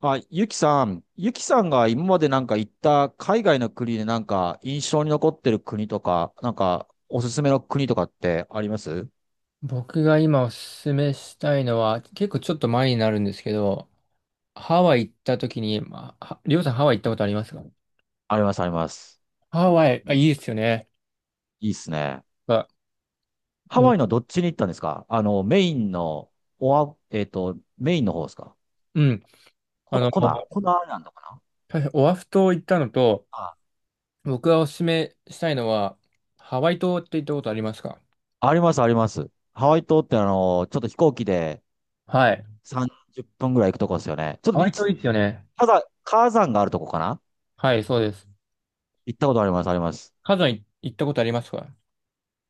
あ、ゆきさん、ゆきさんが今までなんか行った海外の国でなんか印象に残ってる国とか、なんかおすすめの国とかってあります？僕が今おすすめしたいのは、結構ちょっと前になるんですけど、ハワイ行った時に、まあ、はりょうさんハワイ行ったことありますか？あります、あります。ハワイ、あ、いいですよね。いいっすね。あ、ハワに、イのどっちに行ったんですか？あの、メインの、おわ、えっと、メインの方ですか？うん。あの、コナアイラかな？オアフ島行ったのと、あ、僕がおすすめしたいのは、ハワイ島って行ったことありますか？あります、あります。ハワイ島ってちょっと飛行機ではい。30分ぐらい行くとこですよね。ちょハっとワイ島いい一、ですよね。火山、火山があるとこかな？はい、そうです。行ったことあります、あります。カズさい行ったことありますか？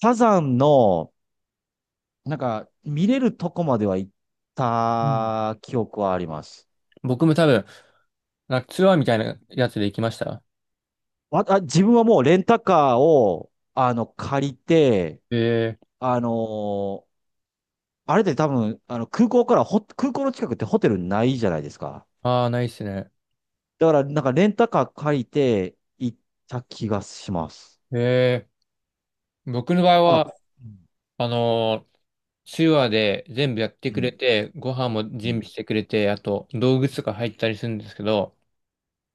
火山の、なんか、見れるとこまでは行っうん。た記憶はあります。僕も多分、なんかツアーみたいなやつで行きました。わあ、自分はもうレンタカーを、借りて、えー、あのーあれで多分、空港から空港の近くってホテルないじゃないですか。ああ、ないっすね。だから、なんかレンタカー借りて行った気がします。え僕の場合あ、は、うん、あのー手話で全部やってうくれん、て、ご飯もう準ん。備してくれて、あと道具とか入ったりするんですけど、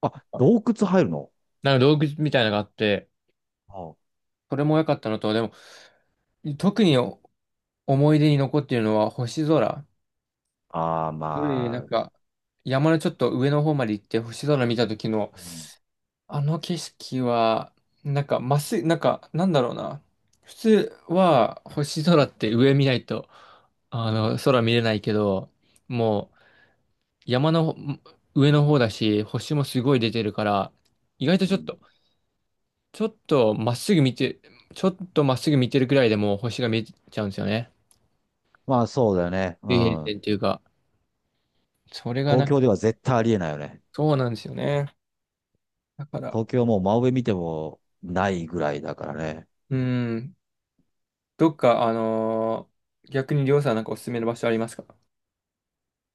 あ、洞窟入るの？なんか道具みたいなのがあって、あそれも良かったのと、でも、特に思い出に残っているのは星空。あー、これなんまあ、か、山のちょっと上の方まで行って星空見た時の、うん、あの景色は、なんか、まっすぐ、なんか、なんだろうな。普通は星空って上見ないと、空見れないけど、もう、山の上の方だし、星もすごい出てるから、意外とうちょっん。と、ちょっとまっすぐ見て、ちょっとまっすぐ見てるくらいでもう星が見えちゃうんですよね。まあそうだよね。う水平線ん。っていうか、それが東な、京では絶対ありえないよね。そうなんですよね。だから、東京はもう真上見てもないぐらいだからね。うん、どっか、逆にりょうさんなんかおすすめの場所ありますか？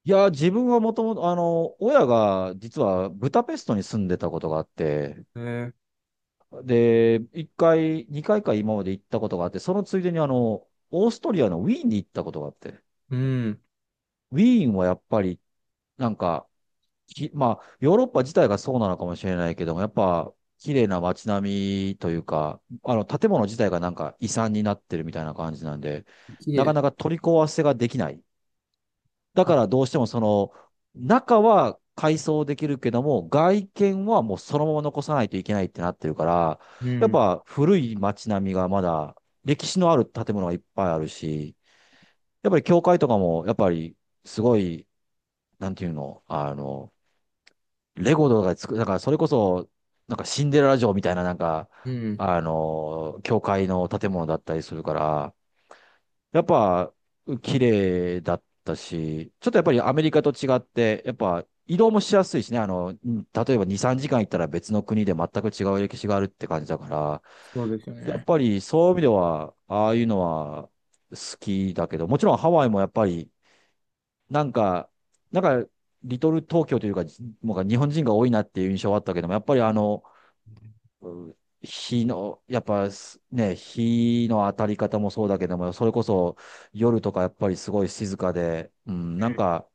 いや、自分はもともと、親が実はブダペストに住んでたことがあって、えー、で、一回、二回か今まで行ったことがあって、そのついでにオーストリアのウィーンに行ったことがあって、うん、ウィーンはやっぱり、なんか、まあ、ヨーロッパ自体がそうなのかもしれないけども、やっぱ、綺麗な街並みというか、建物自体がなんか遺産になってるみたいな感じなんで、綺なか麗。なか取り壊せができない。だあ、からどうしてもその、中は改装できるけども、外見はもうそのまま残さないといけないってなってるから、うやっん、ぱ古い街並みがまだ、歴史のある建物がいっぱいあるし、やっぱり教会とかも、やっぱりすごい、なんていうの、レゴとかで作る、だからそれこそ、なんかシンデレラ城みたいな、なんか、うん、教会の建物だったりするから、やっぱ、綺麗だったし、ちょっとやっぱりアメリカと違って、やっぱ移動もしやすいしね、うん、例えば2、3時間行ったら別の国で全く違う歴史があるって感じだから、そうですよやっね。ぱりそういう意味では、ああいうのは好きだけど、もちろんハワイもやっぱり、なんか、なんか、リトル東京というか、もう日本人が多いなっていう印象はあったけども、やっぱりうん、やっぱすね、日の当たり方もそうだけども、それこそ夜とかやっぱりすごい静かで、うん、なうんん、か、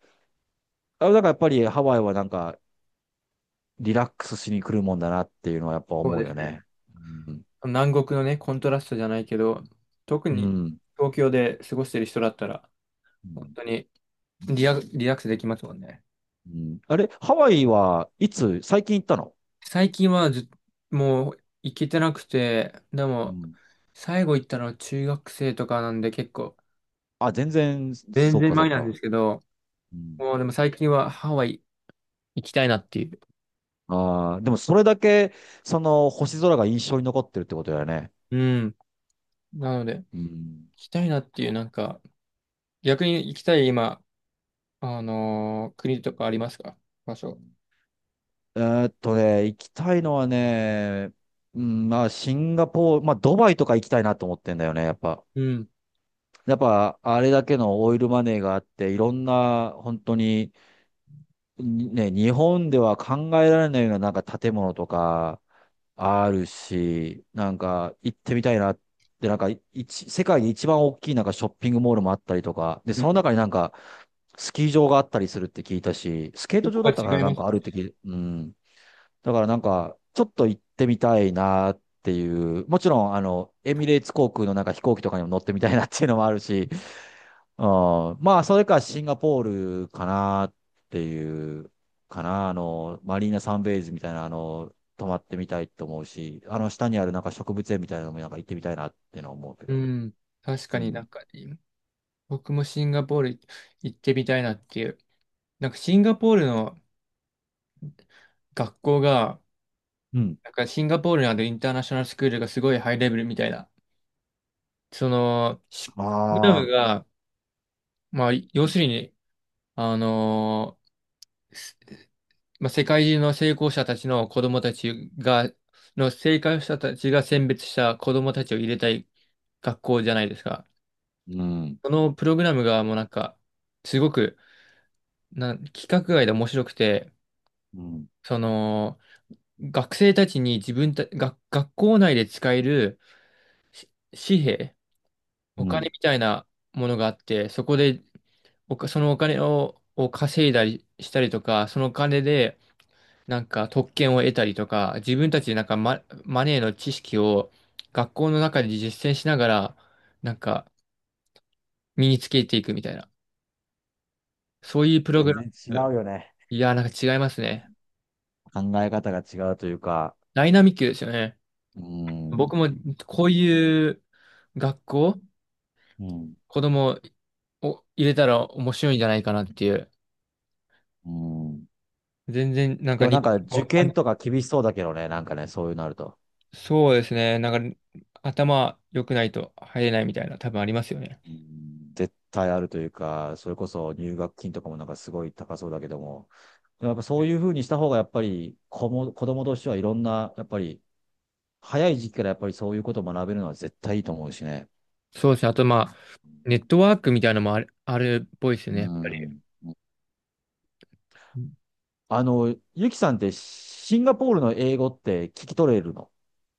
あ、だからやっぱりハワイはなんかリラックスしに来るもんだなっていうのはやっぱそう思うですよね。ね。うん。南国のね、コントラストじゃないけど、特うにん。東京で過ごしてる人だったら、う本ん、当にリラックスできますもんね。うん、あれ、ハワイはいつ、最近行ったの？最近はず、もう行けてなくて、でうも、ん。最後行ったのは中学生とかなんで結構、あ、全然、全そう然かそ前うなんでか。すけど、うん。もうでも最近はハワイ行きたいなっていう。ああ、でもそれだけ、その星空が印象に残ってるってことだよね。うん。なので、行うん。きたいなっていう、なんか、逆に行きたい今、国とかありますか？場所。行きたいのはね、うん、まあ、シンガポール、まあ、ドバイとか行きたいなと思ってんだよね、やっぱ。うん。やっぱ、あれだけのオイルマネーがあって、いろんな、本当に、にね、日本では考えられないような、なんか建物とか、あるし、なんか、行ってみたいなって、なんか、世界で一番大きい、なんか、ショッピングモールもあったりとか、で、うそん。の中になんか、スキー場があったりするって聞いたし、スケー一ト個場はだったか違らいなまんすかあるよってね。うん。だからなんか、ちょっと行ってみたいなっていう、もちろん、エミレーツ航空のなんか飛行機とかにも乗ってみたいなっていうのもあるし、うん、まあ、それかシンガポールかなっていう、かな、マリーナサンベイズみたいな、泊まってみたいと思うし、下にあるなんか植物園みたいなのもなんか行ってみたいなっていうのは思うけうど。ん。確うかになん。んか、僕もシンガポール行ってみたいなっていう。なんかシンガポールの学校が、うん。なんかシンガポールにあるインターナショナルスクールがすごいハイレベルみたいな。その、プログラあムあ、が、まあ、要するに、あのーすまあ、世界中の成功者たちの子供たちが、の成功者たちが選別した子供たちを入れたい学校じゃないですか。うん。そのプログラムがもうなんか、すごく、規格外で面白くて、うん。その、学生たちに自分た、学、学校内で使える、し紙幣、おう金ん。みたいなものがあって、そこでそのお金を稼いだりしたりとか、そのお金でなんか特権を得たりとか、自分たちでなんかマネーの知識を学校の中で実践しながら、なんか身につけていくみたいな。そういうプログ全ラ然違ム。うよね。いやー、なんか違いますね。考え方が違うというか、ダイナミックですよね。うん。僕もこういう学校、うん。子供を入れたら面白いんじゃないかなっていう。うん。全然なんでかも日なんか受本験の。とか厳しそうだけどね、なんかね、そういうのあると。そうですね。なんか、頭良くないと入れないみたいな、多分ありますよね。うん、絶対あるというか、それこそ入学金とかもなんかすごい高そうだけども、でもやっぱそういうふうにした方がやっぱり子供としてはいろんな、やっぱり早い時期からやっぱりそういうことを学べるのは絶対いいと思うしね。そうですね。あと、まあ、ネットワークみたいなのもある、あるっぽいですようね、やっぱり。ん、うん。ゆきさんってシンガポールの英語って聞き取れるの？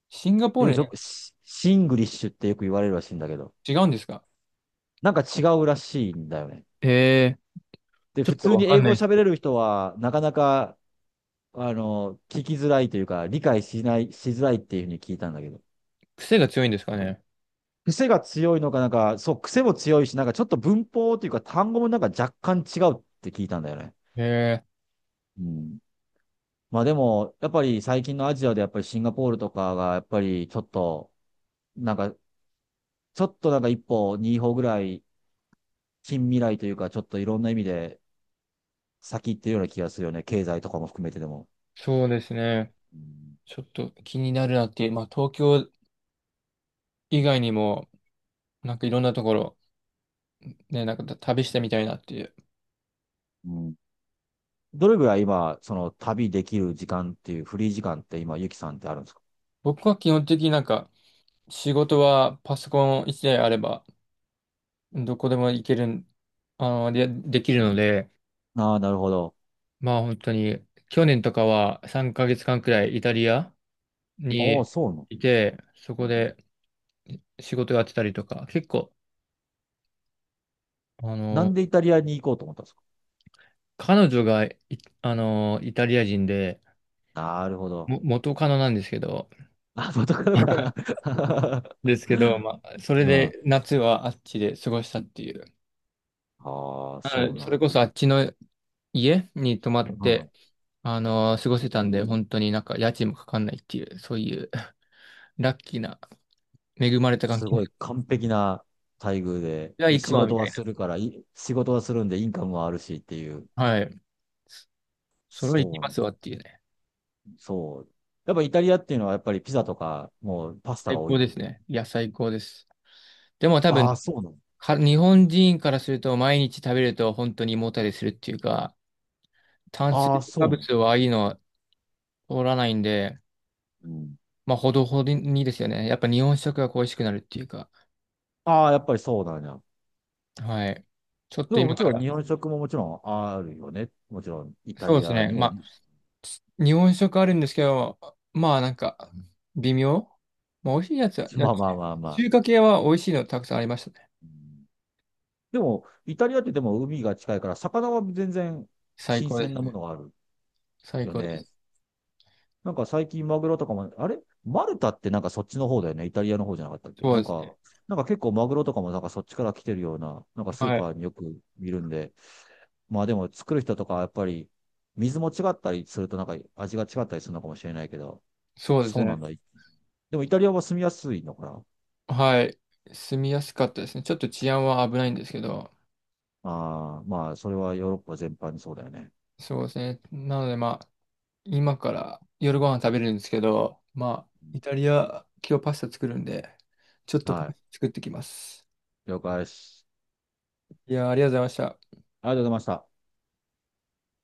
シンガポーよルくよね、くシングリッシュってよく言われるらしいんだけど、違うんですか？なんか違うらしいんだよね。へえ、で、ちょ普っと通にわか英ん語なをいです。喋れる人は、なかなか聞きづらいというか、理解しない、しづらいっていうふうに聞いたんだけど。癖が強いんですかね。癖が強いのか、なんか、そう、癖も強いし、なんかちょっと文法というか単語もなんか若干違うって聞いたんだよね。へえ、うん。まあでも、やっぱり最近のアジアでやっぱりシンガポールとかが、やっぱりちょっと、なんか、ちょっとなんか一歩、二歩ぐらい、近未来というか、ちょっといろんな意味で先行ってるような気がするよね。経済とかも含めてでも。そうですね。うん、ちょっと気になるなっていう、まあ、東京以外にも、なんかいろんなところ、ね、なんか旅してみたいなっていう。うん、どれぐらい今、その旅できる時間っていう、フリー時間って今、ゆきさんってあるんですか？僕は基本的になんか、仕事はパソコン一台あれば、どこでも行けるん、できるので、ああ、なるほど。まあ本当に、去年とかは3ヶ月間くらいイタリアああ、にそうなの。いて、そこで仕事やってたりとか、結構、あなんの、でイタリアに行こうと思ったんですか？彼女がい、イタリア人で、なるほど。も、元カノなんですけど、あ、元カノ か。ですけど、まあ、そ れうん。で夏はあっちで過ごしたっていう。ああ、そうそなれんこだ。そあっちの家に泊まっうん。て、過ごせたんで、本当になんか家賃もかかんないっていう、そういうラッキーな、恵まれた環す境。ごい完璧な待遇で、じゃあで、行く仕わ、事みたはいするから、仕事はするんでインカムはあるしっていう。な。はい。それは行きそまう、すわっていうね。そう。やっぱイタリアっていうのはやっぱりピザとか、もうパスタが最多い高での？すね。いや、最高です。でも多分、ああ、そうなの。日本人からすると毎日食べると本当に胃もたれするっていうか、炭水ああ、そう化なの。物はいいのは通らないんで、うん。まあ、ほどほどにですよね。やっぱ日本食が恋しくなるっていうか、ああ、やっぱりそうなんや。はい。ちょっでとも今もちかろんら、日本食ももちろんあるよね。もちろんイタそうでリすアね。にも。まあ、日本食あるんですけど、まあ、なんか、微妙。まあ、美味しいやつは、やまあつまあまあまあ。中華系は美味しいのたくさんありましたね。うん、でも、イタリアってでも海が近いから、魚は全然最新高で鮮すなもね。のがある最よ高でね。す。なんか最近マグロとかも、あれマルタってなんかそっちの方だよね。イタリアの方じゃなかったっけ、そうなでんすね。か、なんか結構マグロとかもなんかそっちから来てるような、なんかスーはい。パーによく見るんで。まあでも作る人とかはやっぱり水も違ったりするとなんか味が違ったりするのかもしれないけど、そうですそうなね。んだ。でもイタリアは住みやすいのかな？はい。住みやすかったですね。ちょっと治安は危ないんですけど、ああ、まあそれはヨーロッパ全般にそうだよね。そうですね。なのでまあ、今から夜ご飯食べるんですけど、まあ、うイん、タリア、今日パスタ作るんで、ちょっとパはスタい。作ってきます。了解です。いやー、ありがとうございました。ありがとうございました。